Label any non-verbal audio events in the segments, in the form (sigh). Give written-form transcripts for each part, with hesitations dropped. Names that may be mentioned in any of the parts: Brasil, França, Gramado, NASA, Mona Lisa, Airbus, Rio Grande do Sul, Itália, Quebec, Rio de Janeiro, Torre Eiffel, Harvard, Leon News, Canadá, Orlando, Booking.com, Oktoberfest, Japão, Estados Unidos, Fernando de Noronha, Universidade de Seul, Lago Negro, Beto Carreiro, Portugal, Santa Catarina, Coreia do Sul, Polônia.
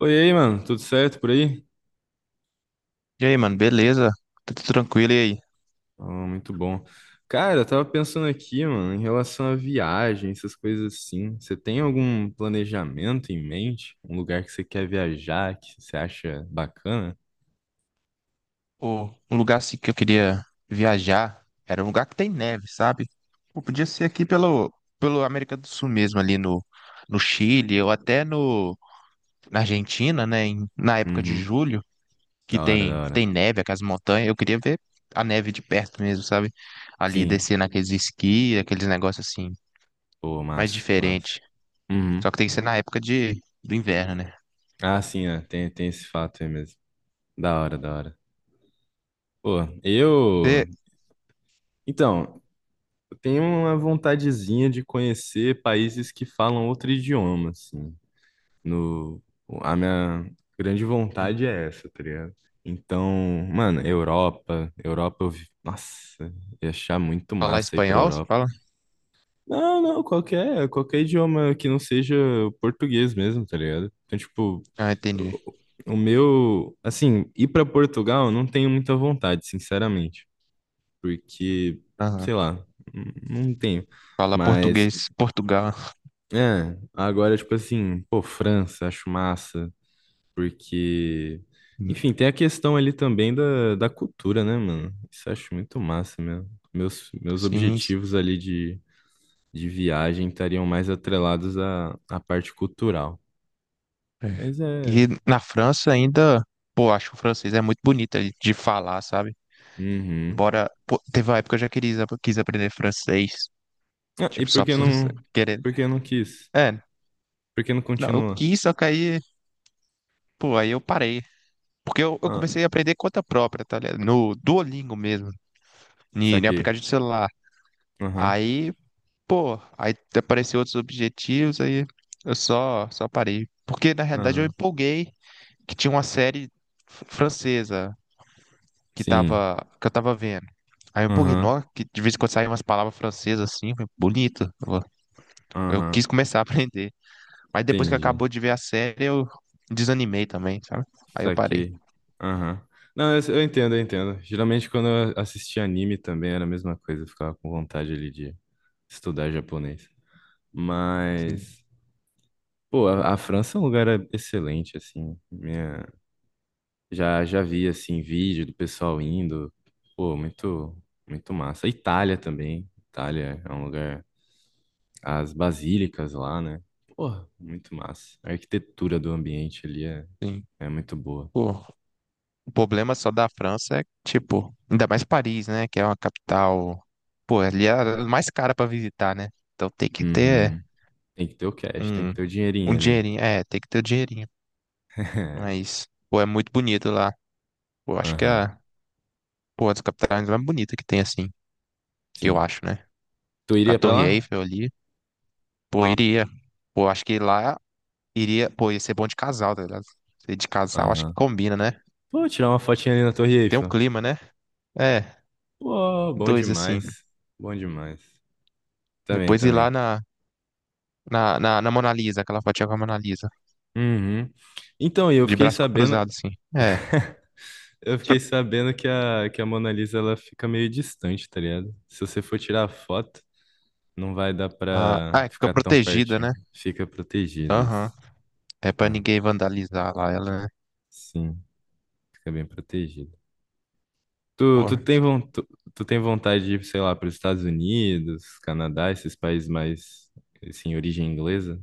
Oi, e aí, mano, tudo certo por aí? E aí, mano, beleza? Tá tudo tranquilo, e aí? Ah, muito bom. Cara, eu tava pensando aqui, mano, em relação a viagem, essas coisas assim. Você tem algum planejamento em mente? Um lugar que você quer viajar, que você acha bacana? O, um lugar assim que eu queria viajar era um lugar que tem neve, sabe? Pô, podia ser aqui pelo América do Sul mesmo, ali no Chile, ou até no, na Argentina, né? Na época de Uhum. julho, que Da hora, tem, da hora. tem neve, aquelas montanhas. Eu queria ver a neve de perto mesmo, sabe? Ali Sim. descer naqueles esqui, aqueles negócios assim, Pô, mais massa, massa. diferente. Uhum. Só que tem que ser na época do inverno, né? Ah, sim, é. Tem, tem esse fato aí mesmo. Da hora, da hora. Pô, eu. Você Então, eu tenho uma vontadezinha de conhecer países que falam outro idioma, assim. No, a minha grande vontade é essa, tá ligado? Então, mano, Europa, eu vi, nossa, ia achar muito falar massa ir pra espanhol, você Europa. fala? Não, não, qualquer idioma que não seja o português mesmo, tá ligado? Então, tipo, Ah, entendi. o o meu, assim, ir pra Portugal eu não tenho muita vontade, sinceramente, porque, sei lá, não tenho. Fala Mas, português, Portugal. é, agora, tipo assim, pô, França, acho massa. Porque, enfim, tem a questão ali também da cultura, né, mano? Isso eu acho muito massa mesmo. Meus Sim. Sim. objetivos ali de viagem estariam mais atrelados à, à parte cultural. É. Mas é. E na França ainda, pô, acho que o francês é muito bonito de falar, sabe? Uhum. Embora, pô, teve uma época que eu já quis aprender francês. Ah, e Tipo, só pra (laughs) você querer. por que não quis? É, Por que não não, eu continua? quis, só que aí, pô, aí eu parei. Porque eu Ah, comecei a aprender conta própria, tá ligado? No Duolingo mesmo, em saquei. aplicativo de celular. Aham, Aí, pô, aí apareceu outros objetivos, aí eu só parei. Porque na realidade eu aham. empolguei que tinha uma série francesa Sim. Que eu tava vendo. Aí eu empolguei, Aham, nó, que de vez em quando saem umas palavras francesas assim, eu falei, bonito. Eu aham. quis começar a (laughs) aprender. Mas depois que Entendi. acabou de ver a série, eu desanimei também, sabe? Aí eu parei. Saquei. Aham. Não, eu entendo, eu entendo. Geralmente quando eu assistia anime também era a mesma coisa, eu ficava com vontade ali de estudar japonês. Sim, Mas, pô, a França é um lugar excelente, assim. Minha, já, já vi, assim, vídeo do pessoal indo. Pô, muito, muito massa. Itália também. Itália é um lugar. As basílicas lá, né? Pô, muito massa. A arquitetura do ambiente ali é, sim. é muito boa. Pô, o problema só da França é, tipo, ainda mais Paris, né? Que é uma capital. Pô, ali é a mais cara pra visitar, né? Então tem que ter Uhum. Tem que ter o cash, tem um, que ter o um dinheirinho ali. dinheirinho. É, tem que ter o dinheirinho. (laughs) Mas, pô, é muito bonito lá. Pô, acho que Aham, a. Pô, a das capitais mais bonita que tem, assim, que eu sim. acho, né? Tu Com a iria pra Torre lá? Eiffel ali, pô, ah, iria. Pô, acho que lá iria, pô, ia ser bom de casal, tá ligado? Ser de casal, acho que Aham. combina, né? Pô, tirar uma fotinha ali na Torre Tem um Eiffel. clima, né? É, Pô, bom dois, assim. demais. Bom demais. Também, Depois ir também. lá na Mona Lisa, aquela fotinha com a Mona Lisa, Uhum. Então, e de braço cruzado, assim. É. eu fiquei (laughs) sabendo que a Mona Lisa ela fica meio distante, tá ligado? Se você for tirar a foto, não vai dar Ah, pra é que fica ficar tão protegida, pertinho. né? Fica protegido isso. Aham. É pra Ah, ninguém vandalizar lá ela, né? sim, fica bem protegido. Tu, Pô, tu tem vontade de ir, sei lá, para os Estados Unidos, Canadá, esses países mais, assim, origem inglesa?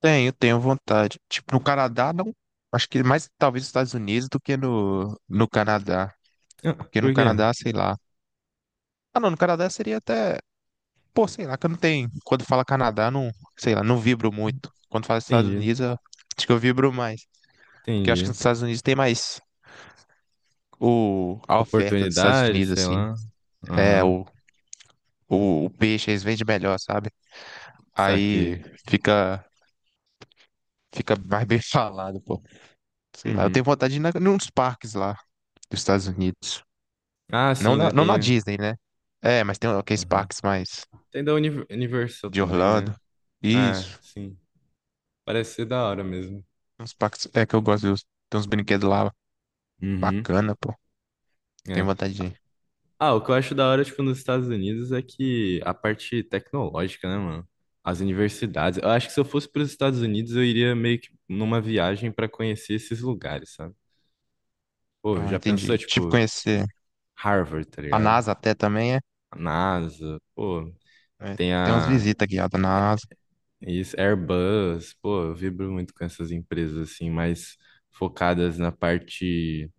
tenho vontade. Tipo, no Canadá, não. Acho que mais talvez nos Estados Unidos do que no Canadá. Ah, Porque no por quê? Canadá, sei lá. Ah, não, no Canadá seria até. Pô, sei lá, que eu não tenho. Quando fala Canadá, não. Sei lá, não vibro muito. Quando fala Estados Entendi, Unidos, acho que eu vibro mais. Porque eu acho que entendi. nos Estados Unidos tem mais a oferta dos Estados Oportunidade, Unidos, sei assim. lá. É, Aham, o peixe, eles vendem melhor, sabe? saquei. Aí fica. Fica mais bem (laughs) falado, pô. Sei lá, eu Uhum. tenho vontade de ir nos parques lá dos Estados Unidos. Ah, Não sim, na... né? não na Tem, Disney, né? É, mas tem aqueles aham. parques mais Tem da Universal de também, Orlando. né? Ah, Isso. sim. Parece ser da hora mesmo. Uns pactos. É que eu gosto de ter uns brinquedos lá Uhum. bacana, pô. Tenho É. vontade de ir. Ah, o que eu acho da hora, tipo, nos Estados Unidos é que a parte tecnológica, né, mano? As universidades. Eu acho que se eu fosse para os Estados Unidos, eu iria meio que numa viagem para conhecer esses lugares, sabe? Pô, Ah, já pensou, entendi. Tipo, tipo, conhecer Harvard, tá a ligado? NASA até também, é? A NASA, pô, É, tem tem umas a visitas guiadas na NASA. isso, Airbus, pô, eu vibro muito com essas empresas, assim, mais focadas na parte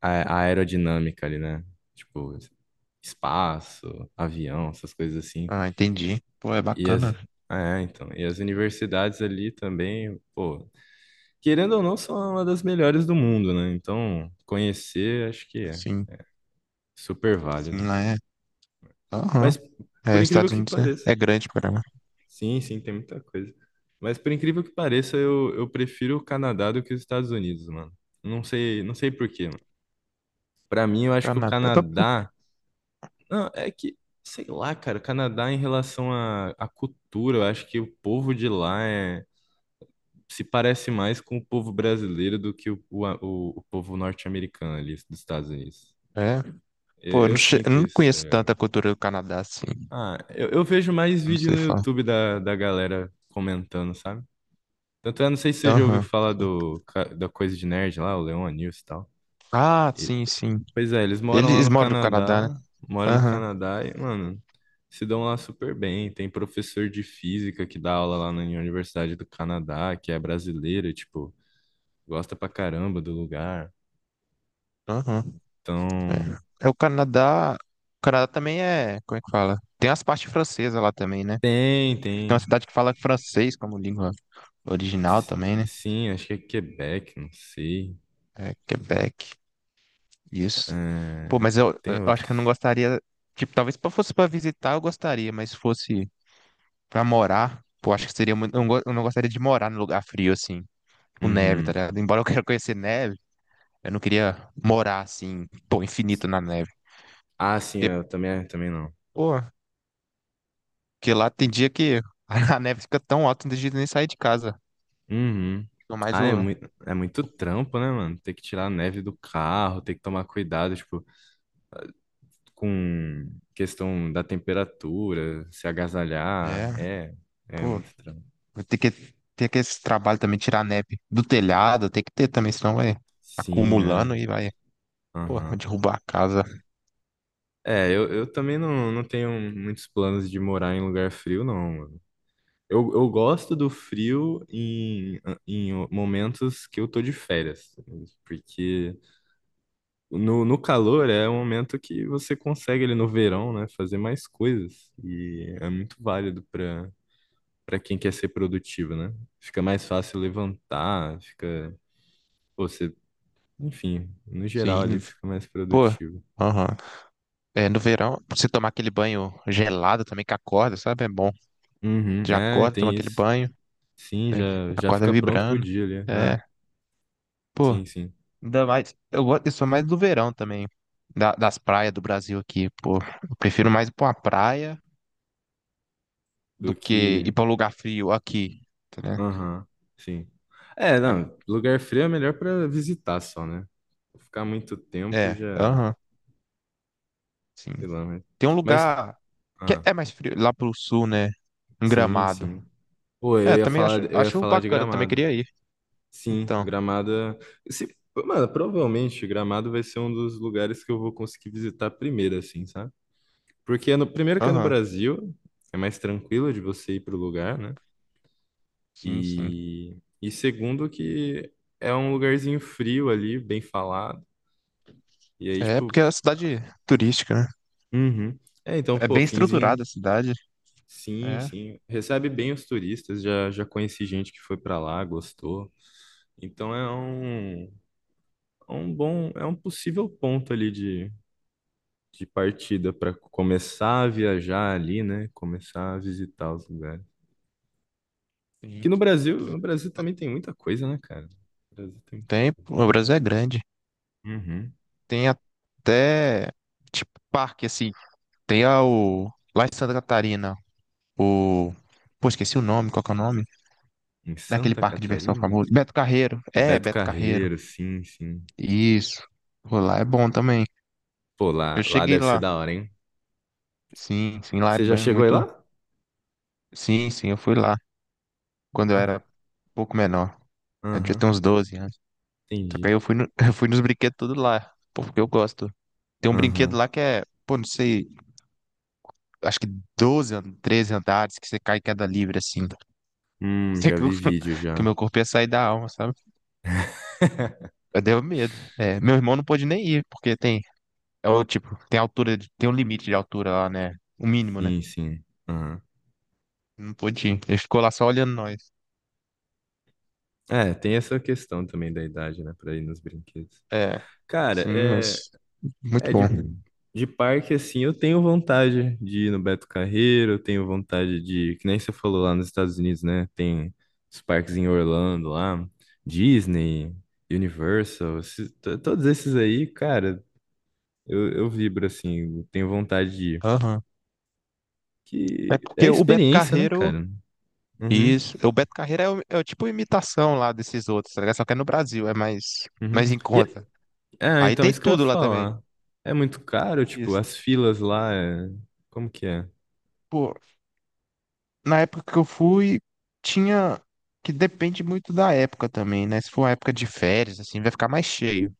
aerodinâmica ali, né? Tipo, espaço, avião, essas coisas assim. Ah, entendi. Pô, é E as, bacana. é, então, e as universidades ali também, pô, querendo ou não, são uma das melhores do mundo, né? Então, conhecer, acho que é Assim, super sim, válido. lá é. Aham. Mas, É, por incrível Estados que Unidos é, pareça, é grande, cara. sim, sim, tem muita coisa. Mas, por incrível que pareça, eu prefiro o Canadá do que os Estados Unidos, mano. Não sei, não sei por quê, mano. Pra mim, eu acho que o Canadá. Tá, pô. Canadá. Não, é que, sei lá, cara, o Canadá em relação à à cultura, eu acho que o povo de lá é se parece mais com o povo brasileiro do que o povo norte-americano ali dos Estados Unidos. É. Pô, eu não, Eu che- eu sinto não isso. Tá conheço ligado? tanta cultura do Canadá assim. Ah, eu vejo mais Eu não vídeo sei no falar. YouTube da galera comentando, sabe? Tanto é, não sei se você já ouviu Aham. falar do, da coisa de nerd lá, o Leon News e tal. Ah, E- sim, sim. pois é, eles moram lá Eles no moram no Canadá, né? Canadá, moram no Aham. Canadá e, mano, se dão lá super bem. Tem professor de física que dá aula lá na Universidade do Canadá, que é brasileiro, e, tipo, gosta pra caramba do lugar. Aham. Então, É o Canadá. O Canadá também é. Como é que fala? Tem as partes francesas lá também, né? tem, Tem uma tem. cidade que fala francês como língua original S- também, né? Sim, acho que é Quebec, não sei. É Quebec. Isso. Pô, É, mas eu, tem eu acho que eu não outros. gostaria. Tipo, talvez se fosse pra visitar, eu gostaria, mas se fosse pra morar, pô, acho que seria muito. Eu não gostaria de morar num lugar frio, assim, com neve, tá Uhum. ligado? Embora eu quero conhecer neve, eu não queria morar assim, pô, infinito na neve. Ah, sim, eu também, é, também não. Pô, porque lá tem dia que a (laughs) neve fica tão alta, não tem jeito de nem sair de casa. Uhum. Tô mais Ah, o. É muito trampo, né, mano? Ter que tirar a neve do carro, ter que tomar cuidado, tipo, com questão da temperatura, se agasalhar. É, É, é pô, muito trampo. vou ter que esse trabalho também, tirar a neve do telhado, tem que ter também, senão vai Sim, acumulando é. e vai, pô, vai Aham. derrubar a casa. É, eu também não, não tenho muitos planos de morar em lugar frio, não. Eu gosto do frio em, em momentos que eu tô de férias, porque no, no calor é um momento que você consegue ali no verão, né, fazer mais coisas e é muito válido para para quem quer ser produtivo, né? Fica mais fácil levantar, fica pô, você, enfim, no geral ali Sim, fica mais pô, produtivo. aham. É, no verão, você tomar aquele banho gelado também que acorda, sabe? É bom. Uhum, Já é, acorda, toma tem aquele isso. banho, Sim, né? já já Acorda fica pronto pro vibrando. dia ali. Ah, É, pô, sim, sim. ainda mais. Eu sou mais do verão também, das praias do Brasil aqui, pô. Eu prefiro mais ir pra uma praia Do do que que ir pra um lugar frio aqui, tá, né? Aham, sim. É, A- não, lugar frio é melhor pra visitar só, né? Ficar muito tempo É, já, aham, sim. sei lá, Tem um mas lugar que ah, é mais frio, lá pro sul, né? Em sim, Gramado. sim. Pô, É, também acho, eu ia acho falar de bacana, também Gramado. queria ir. Sim, Então, Gramado, é, se, mano, provavelmente Gramado vai ser um dos lugares que eu vou conseguir visitar primeiro, assim, sabe? Porque é no, primeiro que é no aham, Brasil, é mais tranquilo de você ir pro lugar, né? sim, sim. E segundo que é um lugarzinho frio ali, bem falado. E aí, É porque tipo, é uma cidade turística, né? Uhum. É, então, É pô, bem estruturada Finzinho, a cidade. sim, É. sim, recebe bem os turistas, já, já conheci gente que foi pra lá, gostou. Então é um bom, é um possível ponto ali de partida para começar a viajar ali, né? Começar a visitar os lugares. Que Sim. no Brasil, no Brasil também tem muita coisa, né, cara? No Brasil tem muita Tem, coisa. o Brasil é grande. Uhum. Tem até, tipo, parque, assim. Tem o, lá em Santa Catarina, o... Pô, esqueci o nome, qual que é o nome? Em Daquele Santa parque de diversão Catarina? famoso. Beto Carreiro. É, Beto Beto Carreiro. Carreiro, sim, sim. Isso. Pô, lá é bom também. Pô, lá, Eu lá cheguei deve ser lá. da hora, hein? Sim, sim, lá é Você já chegou aí muito... lá? Sim, sim, eu fui lá. Quando eu Ah, era um pouco menor. Eu devia Aham, ter uns 12 anos. Só que aí entendi. eu fui, no- (laughs) eu fui nos brinquedos tudo lá. Pô, porque eu gosto. Tem um brinquedo Aham. lá que é... Pô, não sei... acho que 13 andares que você cai em queda livre, assim. Sei Já que, vi vídeo (laughs) que o já. meu corpo ia sair da alma, sabe? Eu deu medo. É, meu irmão não pôde nem ir, porque tem, é o tipo, tem altura, tem um limite de altura lá, né? O mínimo, né? Sim, sim. Aham. Não pôde ir. Ele ficou lá só olhando nós. É, tem essa questão também da idade, né, pra ir nos brinquedos. É, Cara, sim, é, mas muito é bom. de parque, assim, eu tenho vontade de ir no Beto Carreiro, eu tenho vontade de, que nem você falou lá nos Estados Unidos, né, tem os parques em Orlando lá, Disney, Universal, todos esses aí, cara, eu vibro, assim, eu tenho vontade de ir. Aham. É Que é porque o Beto experiência, né, Carreiro, cara? Uhum, isso, o Beto Carreiro é o tipo imitação lá desses outros, tá ligado? Só que é no Brasil, é mais, uhum. mais em conta. É, Aí então, tem isso que eu ia tudo lá também. falar. É muito caro, tipo, Isso. as filas lá é... Como que é? Pô, na época que eu fui, tinha que depende muito da época também, né? Se for uma época de férias, assim, vai ficar mais cheio.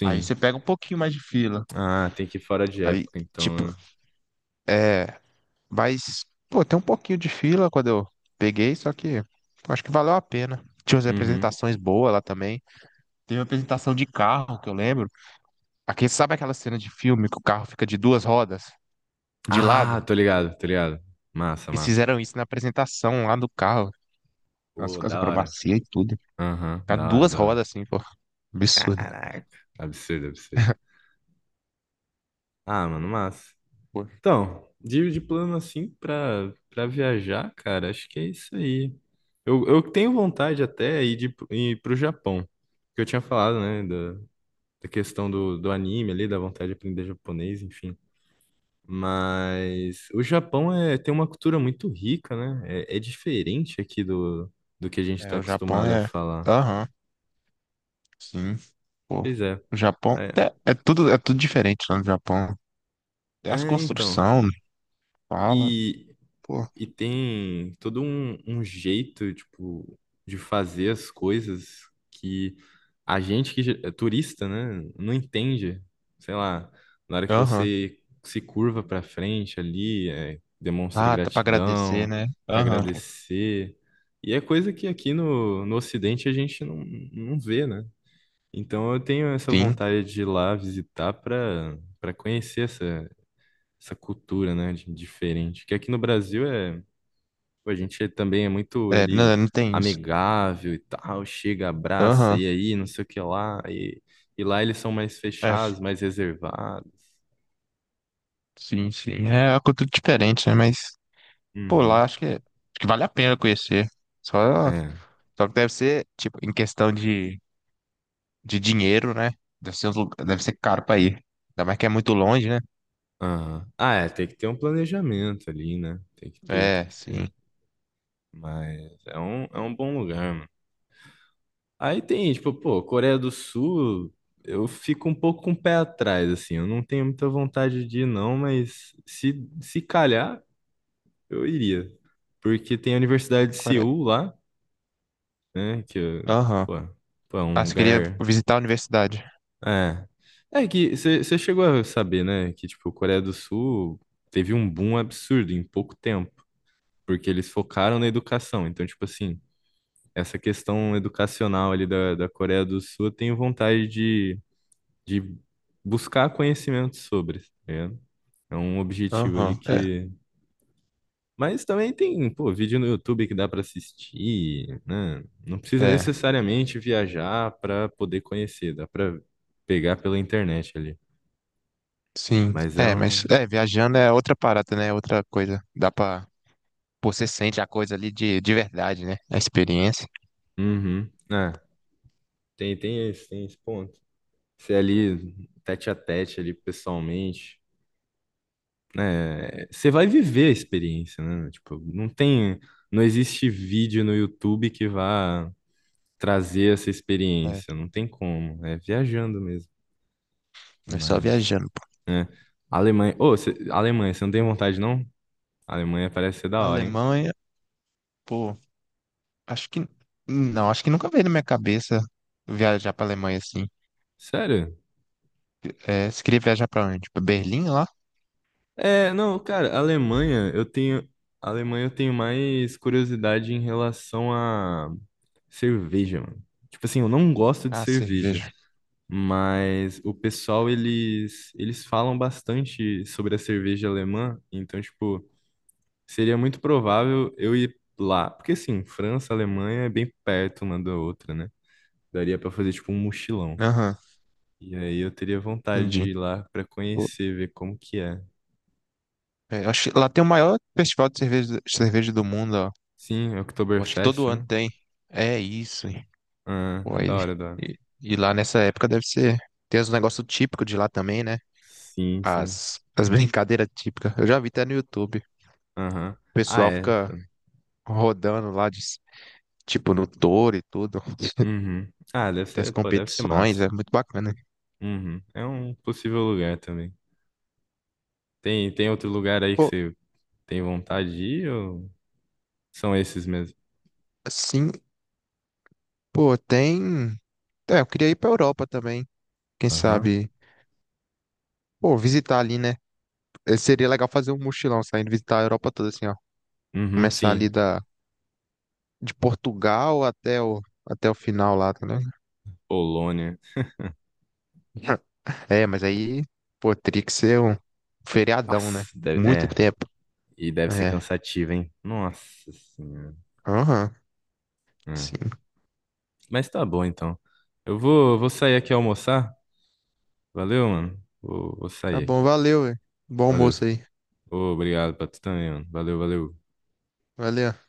Aí você pega um pouquinho mais de fila. Ah, tem que ir fora de Aí, época, tipo, então. Né? é, mas, pô, tem um pouquinho de fila quando eu peguei, só que pô, acho que valeu a pena. Tinha umas Uhum. apresentações boas lá também. Teve uma apresentação de carro que eu lembro. Aqui, sabe aquela cena de filme que o carro fica de duas rodas de Ah, lado? tô ligado, tô ligado. Massa, Eles massa. fizeram isso na apresentação lá do carro. As, Pô, as da hora. acrobacias e tudo. Aham, Tá da hora, duas da hora. rodas assim, pô. Absurdo. Caraca. Absurdo, absurdo. Ah, mano, massa. Pô, Então, de plano assim pra, pra viajar, cara, acho que é isso aí. Eu tenho vontade até ir, de, ir pro Japão. Que eu tinha falado, né? Da questão do, do anime ali, da vontade de aprender japonês, enfim. Mas o Japão é, tem uma cultura muito rica, né? É, é diferente aqui do, do que a gente é, está o Japão acostumado a é. falar. Aham, sim. Pô, Pois é. o Japão. É, É, é tudo diferente lá no Japão. É as é, então. construções, fala, E pô. e tem todo um, um jeito, tipo, de fazer as coisas que a gente é turista, né, não entende. Sei lá, na hora que Aham. você se curva pra frente ali, é, demonstra Ah, tá pra agradecer, gratidão né? pra Aham. agradecer. E é coisa que aqui no, no Ocidente a gente não, não vê, né? Então eu tenho essa Sim. vontade de ir lá visitar pra para conhecer essa, essa cultura, né, diferente. Que aqui no Brasil é Pô, a gente também é muito É, ele não, não tem isso. amigável e tal, chega, abraça, Aham. e aí, não sei o que lá. E lá eles são mais É, fechados, mais reservados. sim, sim. É uma cultura diferente, né? Mas, pô, Uhum. lá acho que vale a pena conhecer. Só, É. só que deve ser, tipo, em questão de dinheiro, né? Deve ser caro pra ir. Ainda mais que é muito longe, né? Aham. Ah, é, tem que ter um planejamento ali, né? Tem que ter, tem É, que sim. ter. Mas é um bom lugar, mano. Aí tem, tipo, pô, Coreia do Sul, eu fico um pouco com o pé atrás, assim. Eu não tenho muita vontade de ir, não, mas se calhar, eu iria. Porque tem a Universidade de Core- Seul lá. Né? Aham. Pô, pô, é Ah, um você queria lugar. visitar a universidade. É. É que você chegou a saber, né? Que, tipo, a Coreia do Sul teve um boom absurdo em pouco tempo, porque eles focaram na educação. Então, tipo assim, essa questão educacional ali da Coreia do Sul, eu tenho vontade de buscar conhecimento sobre, tá ligado? É um objetivo ali Aham. que Mas também tem, pô, vídeo no YouTube que dá para assistir, né? Não É, precisa é. necessariamente viajar para poder conhecer, dá para pegar pela internet ali. Sim. Mas é É, mas um. é, viajando é outra parada, né? É outra coisa. Dá pra. Pô, você sente a coisa ali de verdade, né? A experiência. Uhum. É, tem, tem esse ponto. Você ali, tete a tete ali pessoalmente, né? Você vai viver a experiência, né? Tipo, não tem. Não existe vídeo no YouTube que vá trazer essa É, experiência, não tem como. É viajando mesmo. é só Mas. viajando, pô. Né? Alemanha. Alemanha, você não tem vontade, não? Alemanha parece ser da hora, hein? Alemanha, pô, acho que. Não, acho que nunca veio na minha cabeça viajar pra Alemanha assim. Sério? É, você queria viajar pra onde? Pra Berlim lá? É, não, cara, Alemanha, eu tenho. Alemanha, eu tenho mais curiosidade em relação a cerveja, mano. Tipo assim, eu não gosto de Ah, cerveja, cerveja. mas o pessoal, eles falam bastante sobre a cerveja alemã, então, tipo, seria muito provável eu ir lá, porque assim, França, Alemanha é bem perto uma da outra, né? Daria pra fazer, tipo, um mochilão. Aham, E aí eu teria vontade de entendi. ir lá pra conhecer, ver como que é. É, eu acho que lá tem o maior festival de cerveja, cerveja do mundo, ó. Sim, é Eu acho que Oktoberfest, todo ano né? tem. É isso, hein. Ah, Pô, é da hora, é da hora. e lá nessa época deve ser. Tem os negócios típicos de lá também, né? Sim, sim. As (laughs) brincadeiras típicas. Eu já vi até no YouTube. O Aham. Ah, pessoal é. fica Pô. rodando lá, de, tipo, no touro e tudo. Uhum. Ah, deve Tem as ser, pô, deve ser competições, massa. é muito bacana. Uhum. É um possível lugar também. Tem, tem outro lugar aí que Pô, você tem vontade de ir ou são esses mesmo? assim, pô, tem. É, eu queria ir pra Europa também. Quem Aham. sabe? Pô, visitar ali, né? Seria legal fazer um mochilão, saindo visitar a Europa toda, assim, ó. Uhum, Começar ali sim. De Portugal até o final lá, tá ligado? Polônia. (laughs) É, mas aí, pô, teria que ser um feriadão, né? Nossa, deve- Muito é. tempo. E deve ser É. cansativo, hein? Nossa senhora. Aham, É. sim. Mas tá bom, então. Eu vou, vou sair aqui almoçar. Valeu, mano. Vou, vou Tá sair bom, aqui. valeu, velho. Bom Valeu. almoço aí. Ô, obrigado pra tu também, mano. Valeu, valeu. Valeu.